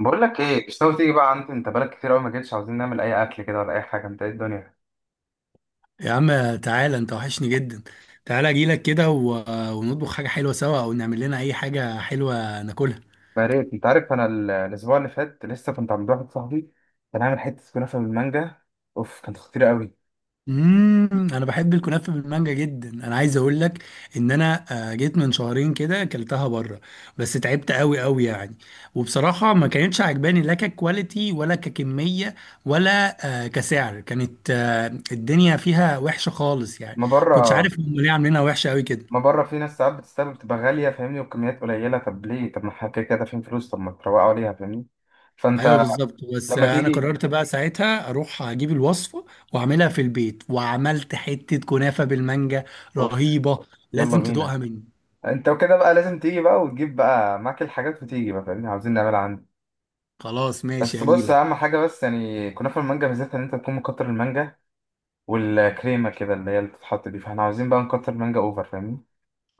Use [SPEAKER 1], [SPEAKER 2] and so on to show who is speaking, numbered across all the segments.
[SPEAKER 1] بقول لك ايه؟ مش ناوي تيجي بقى عندي؟ انت بقالك كتير قوي ما جيتش. عاوزين نعمل اي اكل كده ولا اي حاجه؟ انت ايه الدنيا؟
[SPEAKER 2] يا عم تعالى، انت وحشني جدا. تعالى اجيلك كده ونطبخ حاجة حلوة سوا، او نعمل لنا اي حاجة حلوة ناكلها.
[SPEAKER 1] يا ريت، انت عارف انا الاسبوع اللي فات لسه كنت عند واحد صاحبي، كان عامل حته كنافه بالمانجا. اوف، كانت خطيره قوي.
[SPEAKER 2] انا بحب الكنافة بالمانجا جدا. انا عايز اقول لك ان انا جيت من شهرين كده اكلتها بره، بس تعبت قوي قوي يعني. وبصراحة ما كانتش عجباني، لا ككواليتي ولا ككمية ولا كسعر. كانت الدنيا فيها وحشة خالص يعني.
[SPEAKER 1] ما بره،
[SPEAKER 2] كنتش عارف هم ليه عاملينها وحشة قوي كده.
[SPEAKER 1] ما بره في ناس ساعات بتستقبل، بتبقى غاليه فاهمني، وبكميات قليله. طب ليه؟ طب ما احنا كده كده دافعين فلوس، طب ما تروقوا عليها، فاهمني.
[SPEAKER 2] ايوه
[SPEAKER 1] فانت
[SPEAKER 2] بالظبط، بس
[SPEAKER 1] لما
[SPEAKER 2] انا
[SPEAKER 1] تيجي،
[SPEAKER 2] قررت بقى ساعتها اروح اجيب الوصفه، واعملها في البيت. وعملت حته كنافه بالمانجا
[SPEAKER 1] اوف.
[SPEAKER 2] رهيبه،
[SPEAKER 1] يلا
[SPEAKER 2] لازم
[SPEAKER 1] بينا،
[SPEAKER 2] تدوقها مني.
[SPEAKER 1] انت وكده بقى لازم تيجي بقى وتجيب بقى معاك الحاجات وتيجي بقى، فاهمني، عاوزين نعملها عندي.
[SPEAKER 2] خلاص ماشي،
[SPEAKER 1] بس بص،
[SPEAKER 2] هجيلك.
[SPEAKER 1] اهم حاجه بس يعني كنافه المانجا، ميزتها ان انت تكون مكتر المانجا والكريمه كده اللي هي اللي بتتحط دي، فاحنا عاوزين بقى نكتر المانجا اوفر، فاهمني.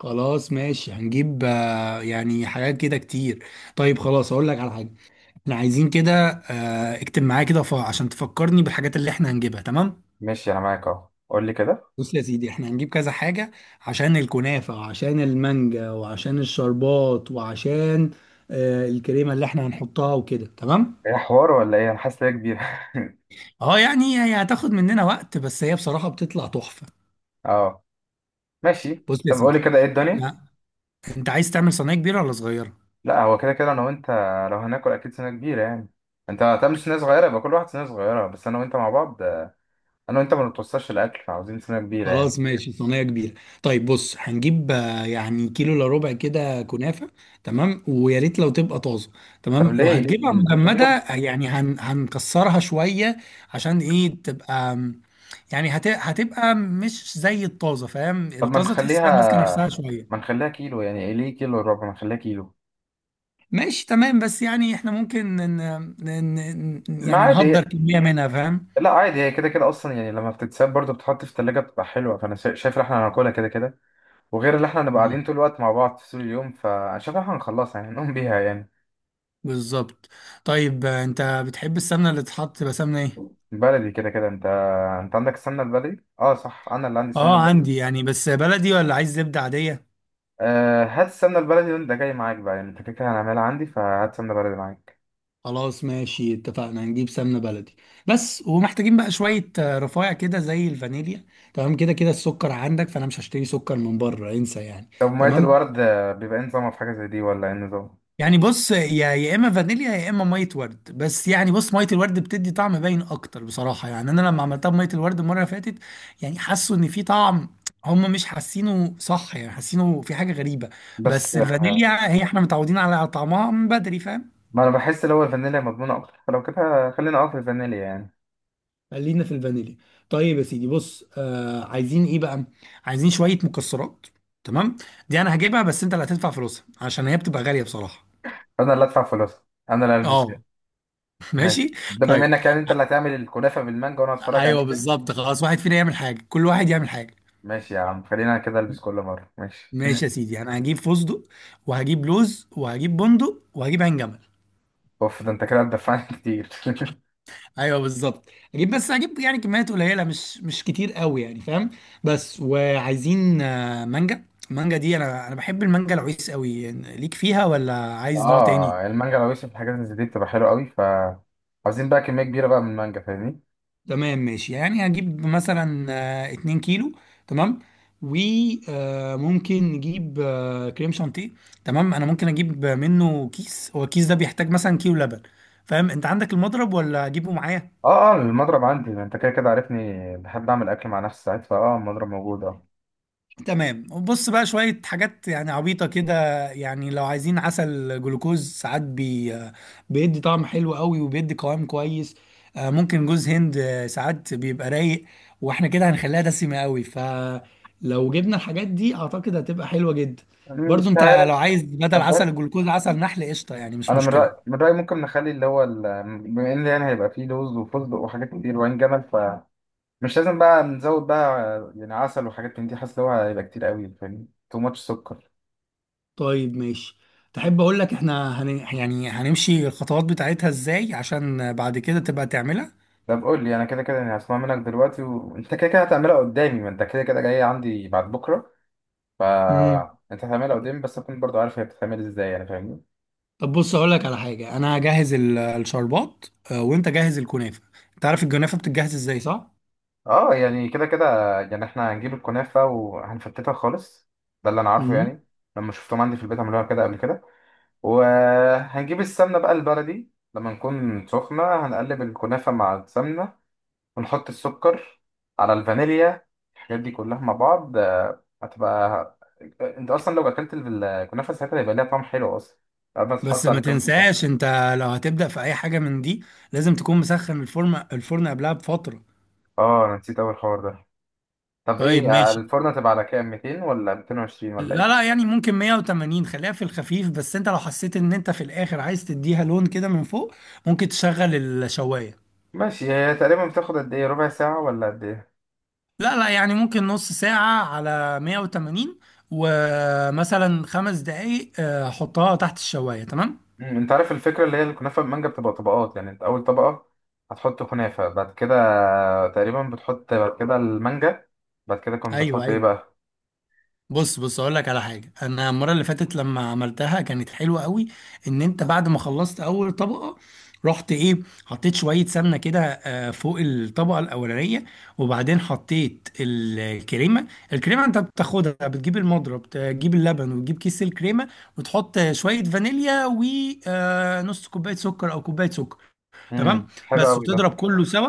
[SPEAKER 2] خلاص ماشي، هنجيب يعني حاجات كده كتير. طيب خلاص، اقول لك على حاجه. احنا عايزين كده اكتب معايا كده عشان تفكرني بالحاجات اللي احنا هنجيبها، تمام.
[SPEAKER 1] ماشي، انا معاك اهو، قول لي كده.
[SPEAKER 2] بص يا سيدي، احنا هنجيب كذا حاجه: عشان الكنافه، وعشان المانجا، وعشان الشربات، وعشان الكريمه اللي احنا هنحطها وكده، تمام.
[SPEAKER 1] ايه حوار ولا ايه؟ انا حاسس ان هي كبيره.
[SPEAKER 2] اه يعني هي هتاخد مننا وقت، بس هي بصراحة بتطلع تحفة.
[SPEAKER 1] اه ماشي.
[SPEAKER 2] بص يا
[SPEAKER 1] طب قول لي
[SPEAKER 2] سيدي،
[SPEAKER 1] كده، ايه الدنيا؟
[SPEAKER 2] احنا انت عايز تعمل صينية كبيرة ولا صغيرة؟
[SPEAKER 1] لا، هو كده كده انا وانت، لو هناكل اكيد سنه كبيره يعني. انت هتعمل سنه صغيره؟ يبقى كل واحد سنه صغيره، بس انا وانت مع بعض، انا وانت ما بنتوصلش الاكل، فعاوزين سنه كبيره يعني.
[SPEAKER 2] خلاص ماشي، صينية كبيرة. طيب بص، هنجيب يعني كيلو الا ربع كده كنافة. تمام، ويا ريت لو تبقى طازة.
[SPEAKER 1] طب
[SPEAKER 2] تمام، لو
[SPEAKER 1] ليه؟
[SPEAKER 2] هتجيبها
[SPEAKER 1] طب ما
[SPEAKER 2] مجمدة
[SPEAKER 1] نخليهم.
[SPEAKER 2] يعني هنكسرها شوية. عشان ايه تبقى يعني هتبقى مش زي الطازة، فاهم؟
[SPEAKER 1] طب ما
[SPEAKER 2] الطازة تحسها ماسكة نفسها
[SPEAKER 1] نخليها، ما
[SPEAKER 2] شوية.
[SPEAKER 1] نخليها كيلو يعني، إيه ليه كيلو وربع؟ ما نخليها كيلو.
[SPEAKER 2] ماشي تمام، بس يعني احنا ممكن
[SPEAKER 1] ما
[SPEAKER 2] يعني
[SPEAKER 1] عادي،
[SPEAKER 2] نهدر كمية منها، فاهم.
[SPEAKER 1] لا عادي، هي كده كده اصلا يعني، لما بتتساب برضو بتحط في التلاجة بتبقى حلوه، فانا شايف ان احنا هناكلها كده كده. وغير ان احنا هنبقى
[SPEAKER 2] آه.
[SPEAKER 1] قاعدين طول الوقت مع بعض طول اليوم، فانا شايف ان احنا هنخلصها يعني، نقوم بيها يعني.
[SPEAKER 2] بالظبط. طيب انت بتحب السمنة اللي تتحط تبقى سمنة ايه؟
[SPEAKER 1] بلدي كده كده، انت، انت عندك السمنه البلدي. اه صح، انا اللي عندي السمنه
[SPEAKER 2] اه
[SPEAKER 1] البلدي.
[SPEAKER 2] عندي يعني، بس بلدي ولا عايز زبدة عادية؟
[SPEAKER 1] آه، هات السمنه البلدي وانت جاي معاك بقى يعني، انت كده كده هنعملها عندي، فهات سمنه بلدي معاك.
[SPEAKER 2] خلاص ماشي، اتفقنا هنجيب سمنة بلدي. بس ومحتاجين بقى شوية رفايع كده زي الفانيليا. تمام، كده كده السكر عندك، فانا مش هشتري سكر من بره، انسى يعني.
[SPEAKER 1] طب ميه
[SPEAKER 2] تمام،
[SPEAKER 1] الورد بيبقى ايه نظامها في حاجه زي دي ولا ايه النظام؟
[SPEAKER 2] يعني بص يا اما فانيليا يا اما ميه ورد. بس يعني بص، ميه الورد بتدي طعم باين اكتر بصراحه. يعني انا لما عملتها بميه الورد المره اللي فاتت، يعني حسوا ان في طعم، هم مش حاسينه صح، يعني حاسينه في حاجه غريبه.
[SPEAKER 1] بس
[SPEAKER 2] بس
[SPEAKER 1] آه،
[SPEAKER 2] الفانيليا هي احنا متعودين على طعمها من بدري، فاهم.
[SPEAKER 1] ما انا بحس ان هو الفانيليا مضمونه اكتر، فلو كده خلينا اه في الفانيليا يعني.
[SPEAKER 2] خلينا في الفانيليا. طيب يا سيدي بص، عايزين ايه بقى؟ عايزين شويه مكسرات. تمام، دي انا هجيبها، بس انت اللي هتدفع فلوسها عشان هي بتبقى غاليه بصراحه.
[SPEAKER 1] انا اللي ادفع فلوسها، انا اللي البس.
[SPEAKER 2] اه
[SPEAKER 1] ماشي،
[SPEAKER 2] ماشي.
[SPEAKER 1] ده بما
[SPEAKER 2] طيب
[SPEAKER 1] انك يعني انت اللي هتعمل الكنافه بالمانجا، وانا هتفرج
[SPEAKER 2] ايوه
[SPEAKER 1] عليك يعني.
[SPEAKER 2] بالظبط، خلاص واحد فينا يعمل حاجه، كل واحد يعمل حاجه.
[SPEAKER 1] ماشي يا عم، خلينا كده، البس كل مره، ماشي.
[SPEAKER 2] ماشي يا سيدي، انا هجيب فستق، وهجيب لوز، وهجيب بندق، وهجيب عين جمل.
[SPEAKER 1] اوف، ده انت كده هتدفعني كتير.
[SPEAKER 2] ايوه بالظبط. بس هجيب يعني كميات قليله، مش كتير قوي يعني، فاهم. بس وعايزين مانجا. المانجا دي انا بحب المانجا العويس قوي، ليك فيها ولا عايز نوع تاني؟
[SPEAKER 1] اه، المانجا لو يوسف، الحاجات اللي زي دي بتبقى حلوه قوي، ف عاوزين بقى كميه كبيره بقى من المانجا، فاهمني.
[SPEAKER 2] تمام ماشي، يعني هجيب مثلا 2 كيلو. تمام، وممكن نجيب كريم شانتيه. تمام انا ممكن اجيب منه كيس، هو الكيس ده بيحتاج مثلا كيلو لبن، فاهم. انت عندك المضرب ولا اجيبه معايا؟
[SPEAKER 1] اه اه، المضرب عندي، ما انت كده كده عارفني بحب اعمل اكل مع نفسي ساعات، فاه المضرب موجود اه.
[SPEAKER 2] تمام، وبص بقى شوية حاجات يعني عبيطة كده. يعني لو عايزين عسل جلوكوز، ساعات بيدي طعم حلو قوي، وبيدي قوام كويس. ممكن جوز هند، ساعات بيبقى رايق، واحنا كده هنخليها دسمة قوي. فلو جبنا الحاجات دي اعتقد هتبقى حلوة جدا.
[SPEAKER 1] يعني مش
[SPEAKER 2] برضو انت، لو
[SPEAKER 1] عارف،
[SPEAKER 2] عايز بدل
[SPEAKER 1] انت
[SPEAKER 2] عسل
[SPEAKER 1] عارف،
[SPEAKER 2] الجلوكوز عسل نحل قشطة، يعني مش
[SPEAKER 1] انا من
[SPEAKER 2] مشكلة.
[SPEAKER 1] رايي، من رايي ممكن نخلي اللي هو بما ان يعني هيبقى فيه لوز وفستق وحاجات كتير وعين جمل، مش لازم بقى نزود بقى يعني عسل وحاجات من دي، حاسس ان هو هيبقى كتير قوي، فاهم، تو ماتش سكر.
[SPEAKER 2] طيب ماشي. تحب اقول لك احنا يعني هنمشي الخطوات بتاعتها ازاي، عشان بعد كده تبقى تعملها؟
[SPEAKER 1] طب قول لي انا، كده كده يعني هسمع منك دلوقتي، وانت كده كده هتعملها قدامي، ما انت كده كده جاي عندي بعد بكره، ف
[SPEAKER 2] مم.
[SPEAKER 1] انت هتعملها قدامي، بس اكون برضو عارف هي بتتعمل ازاي يعني، فاهمني.
[SPEAKER 2] طب بص اقول لك على حاجه، انا هجهز الشربات، وانت جهز الكنافه. انت عارف الكنافه بتتجهز ازاي، صح؟
[SPEAKER 1] اه يعني كده كده، يعني احنا هنجيب الكنافه وهنفتتها خالص، ده اللي انا عارفه
[SPEAKER 2] امم
[SPEAKER 1] يعني، لما شفتهم عندي في البيت عملوها كده قبل كده. وهنجيب السمنه بقى البلدي، لما نكون سخنه هنقلب الكنافه مع السمنه ونحط السكر على الفانيليا. الحاجات دي كلها مع بعض هتبقى، انت اصلا لو اكلت الكنافه ساعتها هيبقى ليها طعم حلو اصلا، بعد ما
[SPEAKER 2] بس
[SPEAKER 1] تتحط على
[SPEAKER 2] ما
[SPEAKER 1] الكنافه دي.
[SPEAKER 2] تنساش انت، لو هتبدا في اي حاجه من دي، لازم تكون مسخن الفرن قبلها بفتره.
[SPEAKER 1] اه انا نسيت اول حوار ده. طب
[SPEAKER 2] طيب
[SPEAKER 1] ايه
[SPEAKER 2] ماشي،
[SPEAKER 1] الفرن هتبقى على كام، 200 ولا 220 ولا
[SPEAKER 2] لا
[SPEAKER 1] ايه؟
[SPEAKER 2] لا، يعني ممكن 180، خليها في الخفيف. بس انت لو حسيت ان انت في الاخر عايز تديها لون كده من فوق، ممكن تشغل الشوايه.
[SPEAKER 1] ماشي، هي تقريبا بتاخد قد ايه، ربع ساعه ولا قد ايه؟
[SPEAKER 2] لا لا، يعني ممكن نص ساعه على 180، ومثلا 5 دقايق حطها تحت الشوايه، تمام.
[SPEAKER 1] مم، انت عارف الفكره اللي هي الكنافه بالمانجا بتبقى طبقات يعني، انت اول طبقه هتحط كنافه، بعد كده تقريبا بتحط بعد كده المانجا، بعد كده كنت
[SPEAKER 2] ايوه
[SPEAKER 1] بتحط ايه
[SPEAKER 2] ايوه.
[SPEAKER 1] بقى؟
[SPEAKER 2] بص بص، اقول لك على حاجه. انا المره اللي فاتت لما عملتها كانت حلوه قوي، ان انت بعد ما خلصت اول طبقه، رحت ايه، حطيت شويه سمنه كده فوق الطبقه الاولانيه. وبعدين حطيت الكريمه. الكريمه انت بتاخدها، بتجيب المضرب، تجيب اللبن، وتجيب كيس الكريمه، وتحط شويه فانيليا ونص كوبايه سكر او كوبايه سكر، تمام
[SPEAKER 1] حلو
[SPEAKER 2] بس.
[SPEAKER 1] قوي ده.
[SPEAKER 2] وتضرب كله سوا،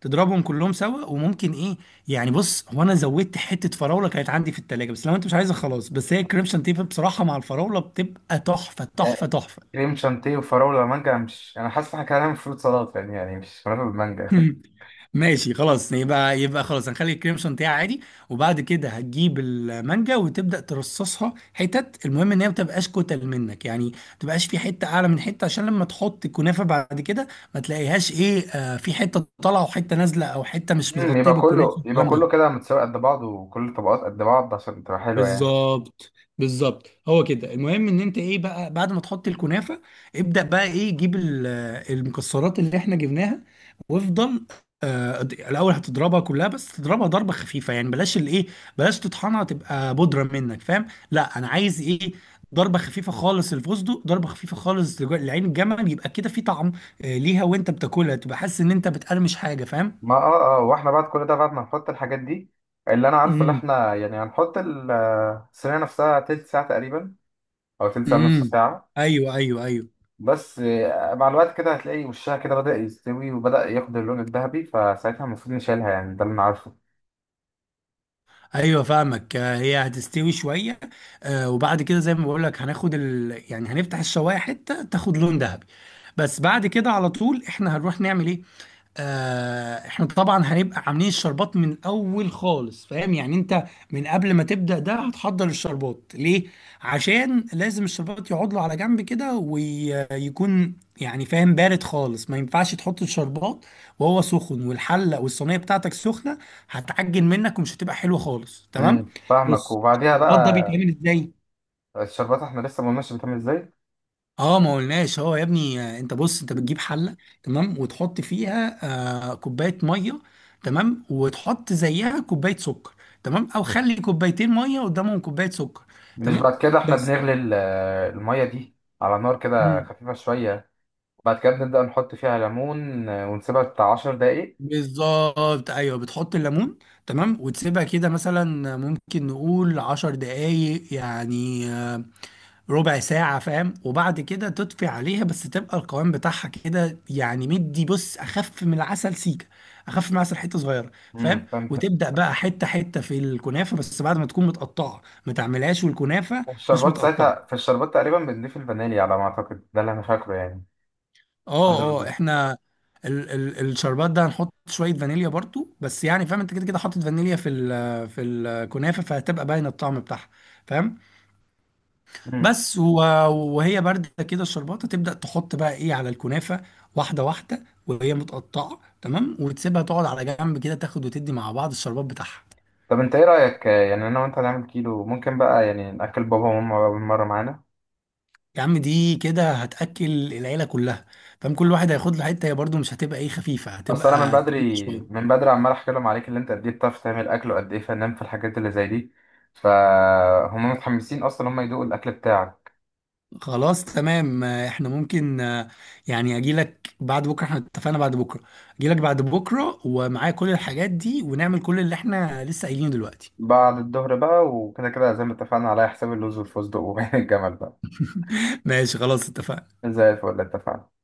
[SPEAKER 2] تضربهم كلهم سوا. وممكن ايه، يعني بص هو انا زودت حته فراوله كانت عندي في التلاجة، بس لو انت مش عايزها خلاص. بس هي الكريمشن تيب بصراحه مع الفراوله بتبقى تحفه تحفه تحفه.
[SPEAKER 1] كريم شانتيه وفراولة ومانجا؟ مش أنا حاسس إن إحنا كده هنعمل فروت سلطة يعني، يعني مش هناكل مانجا.
[SPEAKER 2] مم. ماشي خلاص، يبقى خلاص هنخلي الكريم شانتيه عادي. وبعد كده هتجيب المانجا وتبدأ ترصصها حتت. المهم ان هي ما تبقاش كتل منك، يعني ما تبقاش في حتة اعلى من حتة، عشان لما تحط الكنافة بعد كده ما تلاقيهاش ايه في حتة طالعة وحتة نازلة، او حتة مش
[SPEAKER 1] أمم،
[SPEAKER 2] متغطية
[SPEAKER 1] يبقى
[SPEAKER 2] بالكنافة
[SPEAKER 1] كله، يبقى
[SPEAKER 2] والكلام
[SPEAKER 1] كله
[SPEAKER 2] ده.
[SPEAKER 1] كده متساوي قد بعض، وكل الطبقات قد بعض عشان تبقى حلوة يعني.
[SPEAKER 2] بالظبط، بالظبط. هو كده. المهم ان انت ايه بقى بعد ما تحط الكنافه، ابدا بقى ايه، جيب المكسرات اللي احنا جبناها وافضل. الاول هتضربها كلها، بس تضربها ضربه خفيفه، يعني بلاش الايه، بلاش تطحنها تبقى بودره منك، فاهم. لا انا عايز ايه، ضربه خفيفه خالص الفستق، ضربه خفيفه خالص لعين الجمل يبقى كده في طعم ليها، وانت بتاكلها تبقى حاسس ان انت بتقرمش حاجه، فاهم.
[SPEAKER 1] ما اه اه، واحنا بعد كل ده، بعد ما نحط الحاجات دي، اللي انا عارفه اللي
[SPEAKER 2] امم،
[SPEAKER 1] احنا يعني هنحط الصينية نفسها، تلت ساعة تقريبا او تلت ساعة نص
[SPEAKER 2] امم،
[SPEAKER 1] ساعة.
[SPEAKER 2] ايوه ايوه ايوه
[SPEAKER 1] بس آه، مع الوقت كده هتلاقي وشها كده بدأ يستوي وبدأ ياخد اللون الذهبي، فساعتها المفروض نشيلها يعني، ده اللي انا عارفه.
[SPEAKER 2] ايوه فاهمك. هي هتستوي شويه، وبعد كده زي ما بقول لك هناخد يعني هنفتح الشوايه حته تاخد لون ذهبي. بس بعد كده على طول احنا هنروح نعمل ايه؟ احنا طبعا هنبقى عاملين الشربات من الاول خالص، فاهم يعني. انت من قبل ما تبدأ ده هتحضر الشربات ليه؟ عشان لازم الشربات يقعد له على جنب كده ويكون يعني فاهم بارد خالص. ما ينفعش تحط الشربات وهو سخن والحلة والصينية بتاعتك سخنة، هتعجن منك ومش هتبقى حلوة خالص، تمام.
[SPEAKER 1] فاهمك،
[SPEAKER 2] بص،
[SPEAKER 1] وبعديها
[SPEAKER 2] الشربات ده
[SPEAKER 1] بقى
[SPEAKER 2] بيتعمل ازاي؟
[SPEAKER 1] الشربات، احنا لسه ما قلناش بتعمل ازاي.
[SPEAKER 2] اه ما قلناش. هو يا ابني، بص انت بتجيب حله، تمام، وتحط فيها كوبايه ميه، تمام، وتحط زيها كوبايه سكر. تمام، او خلي كوبايتين ميه قدامهم كوبايه سكر،
[SPEAKER 1] مش
[SPEAKER 2] تمام
[SPEAKER 1] بعد كده احنا
[SPEAKER 2] بس.
[SPEAKER 1] بنغلي المية دي على نار كده
[SPEAKER 2] مم.
[SPEAKER 1] خفيفة شوية، بعد كده بنبدأ نحط فيها ليمون ونسيبها بتاع 10 دقايق.
[SPEAKER 2] بالظبط، ايوه بتحط الليمون. تمام وتسيبها كده مثلا، ممكن نقول 10 دقايق يعني، ربع ساعة، فاهم. وبعد كده تطفي عليها، بس تبقى القوام بتاعها كده يعني، مدي بص، أخف من العسل سيكة، أخف من العسل حتة صغيرة، فاهم.
[SPEAKER 1] فهمت.
[SPEAKER 2] وتبدأ بقى حتة حتة في الكنافة، بس بعد ما تكون متقطعة، ما تعملهاش والكنافة مش
[SPEAKER 1] والشربات
[SPEAKER 2] متقطعة.
[SPEAKER 1] ساعتها، في الشربات تقريبا بنضيف الفانيليا على ما أعتقد، ده اللي أنا فاكره يعني، حد
[SPEAKER 2] اه اه،
[SPEAKER 1] ما.
[SPEAKER 2] احنا ال الشربات ده هنحط شوية فانيليا برضو، بس يعني فاهم انت كده كده حاطط فانيليا في الكنافة، فهتبقى باين الطعم بتاعها، فاهم.
[SPEAKER 1] امم.
[SPEAKER 2] بس وهي باردة كده الشربات، تبدأ تحط بقى ايه على الكنافة واحدة واحدة وهي متقطعة، تمام، وتسيبها تقعد على جنب كده تاخد وتدي مع بعض الشربات بتاعها.
[SPEAKER 1] طب أنت إيه رأيك يعني أنا وأنت هنعمل كيلو، ممكن بقى يعني نأكل بابا وماما بقى بالمرة معانا؟
[SPEAKER 2] يا عم دي كده هتأكل العيلة كلها، فاهم. كل واحد هياخد له حتة، هي برضو مش هتبقى ايه خفيفة،
[SPEAKER 1] أصل أنا من
[SPEAKER 2] هتبقى تقيلة
[SPEAKER 1] بدري،
[SPEAKER 2] شوية.
[SPEAKER 1] من بدري عمال أحكي لهم عليك اللي أنت قد إيه بتعرف تعمل أكل، وقد إيه فنان في الحاجات اللي زي دي، فهم متحمسين أصلا هم يدوقوا الأكل بتاعك.
[SPEAKER 2] خلاص تمام، احنا ممكن يعني اجي لك بعد بكره. احنا اتفقنا بعد بكره، اجي لك بعد بكره ومعايا كل الحاجات دي، ونعمل كل اللي احنا لسه قايلينه دلوقتي.
[SPEAKER 1] بعد الظهر بقى، وكده كده زي ما اتفقنا على حساب اللوز والفستق وبين الجمل بقى.
[SPEAKER 2] ماشي خلاص اتفقنا.
[SPEAKER 1] زي الفل، اتفقنا.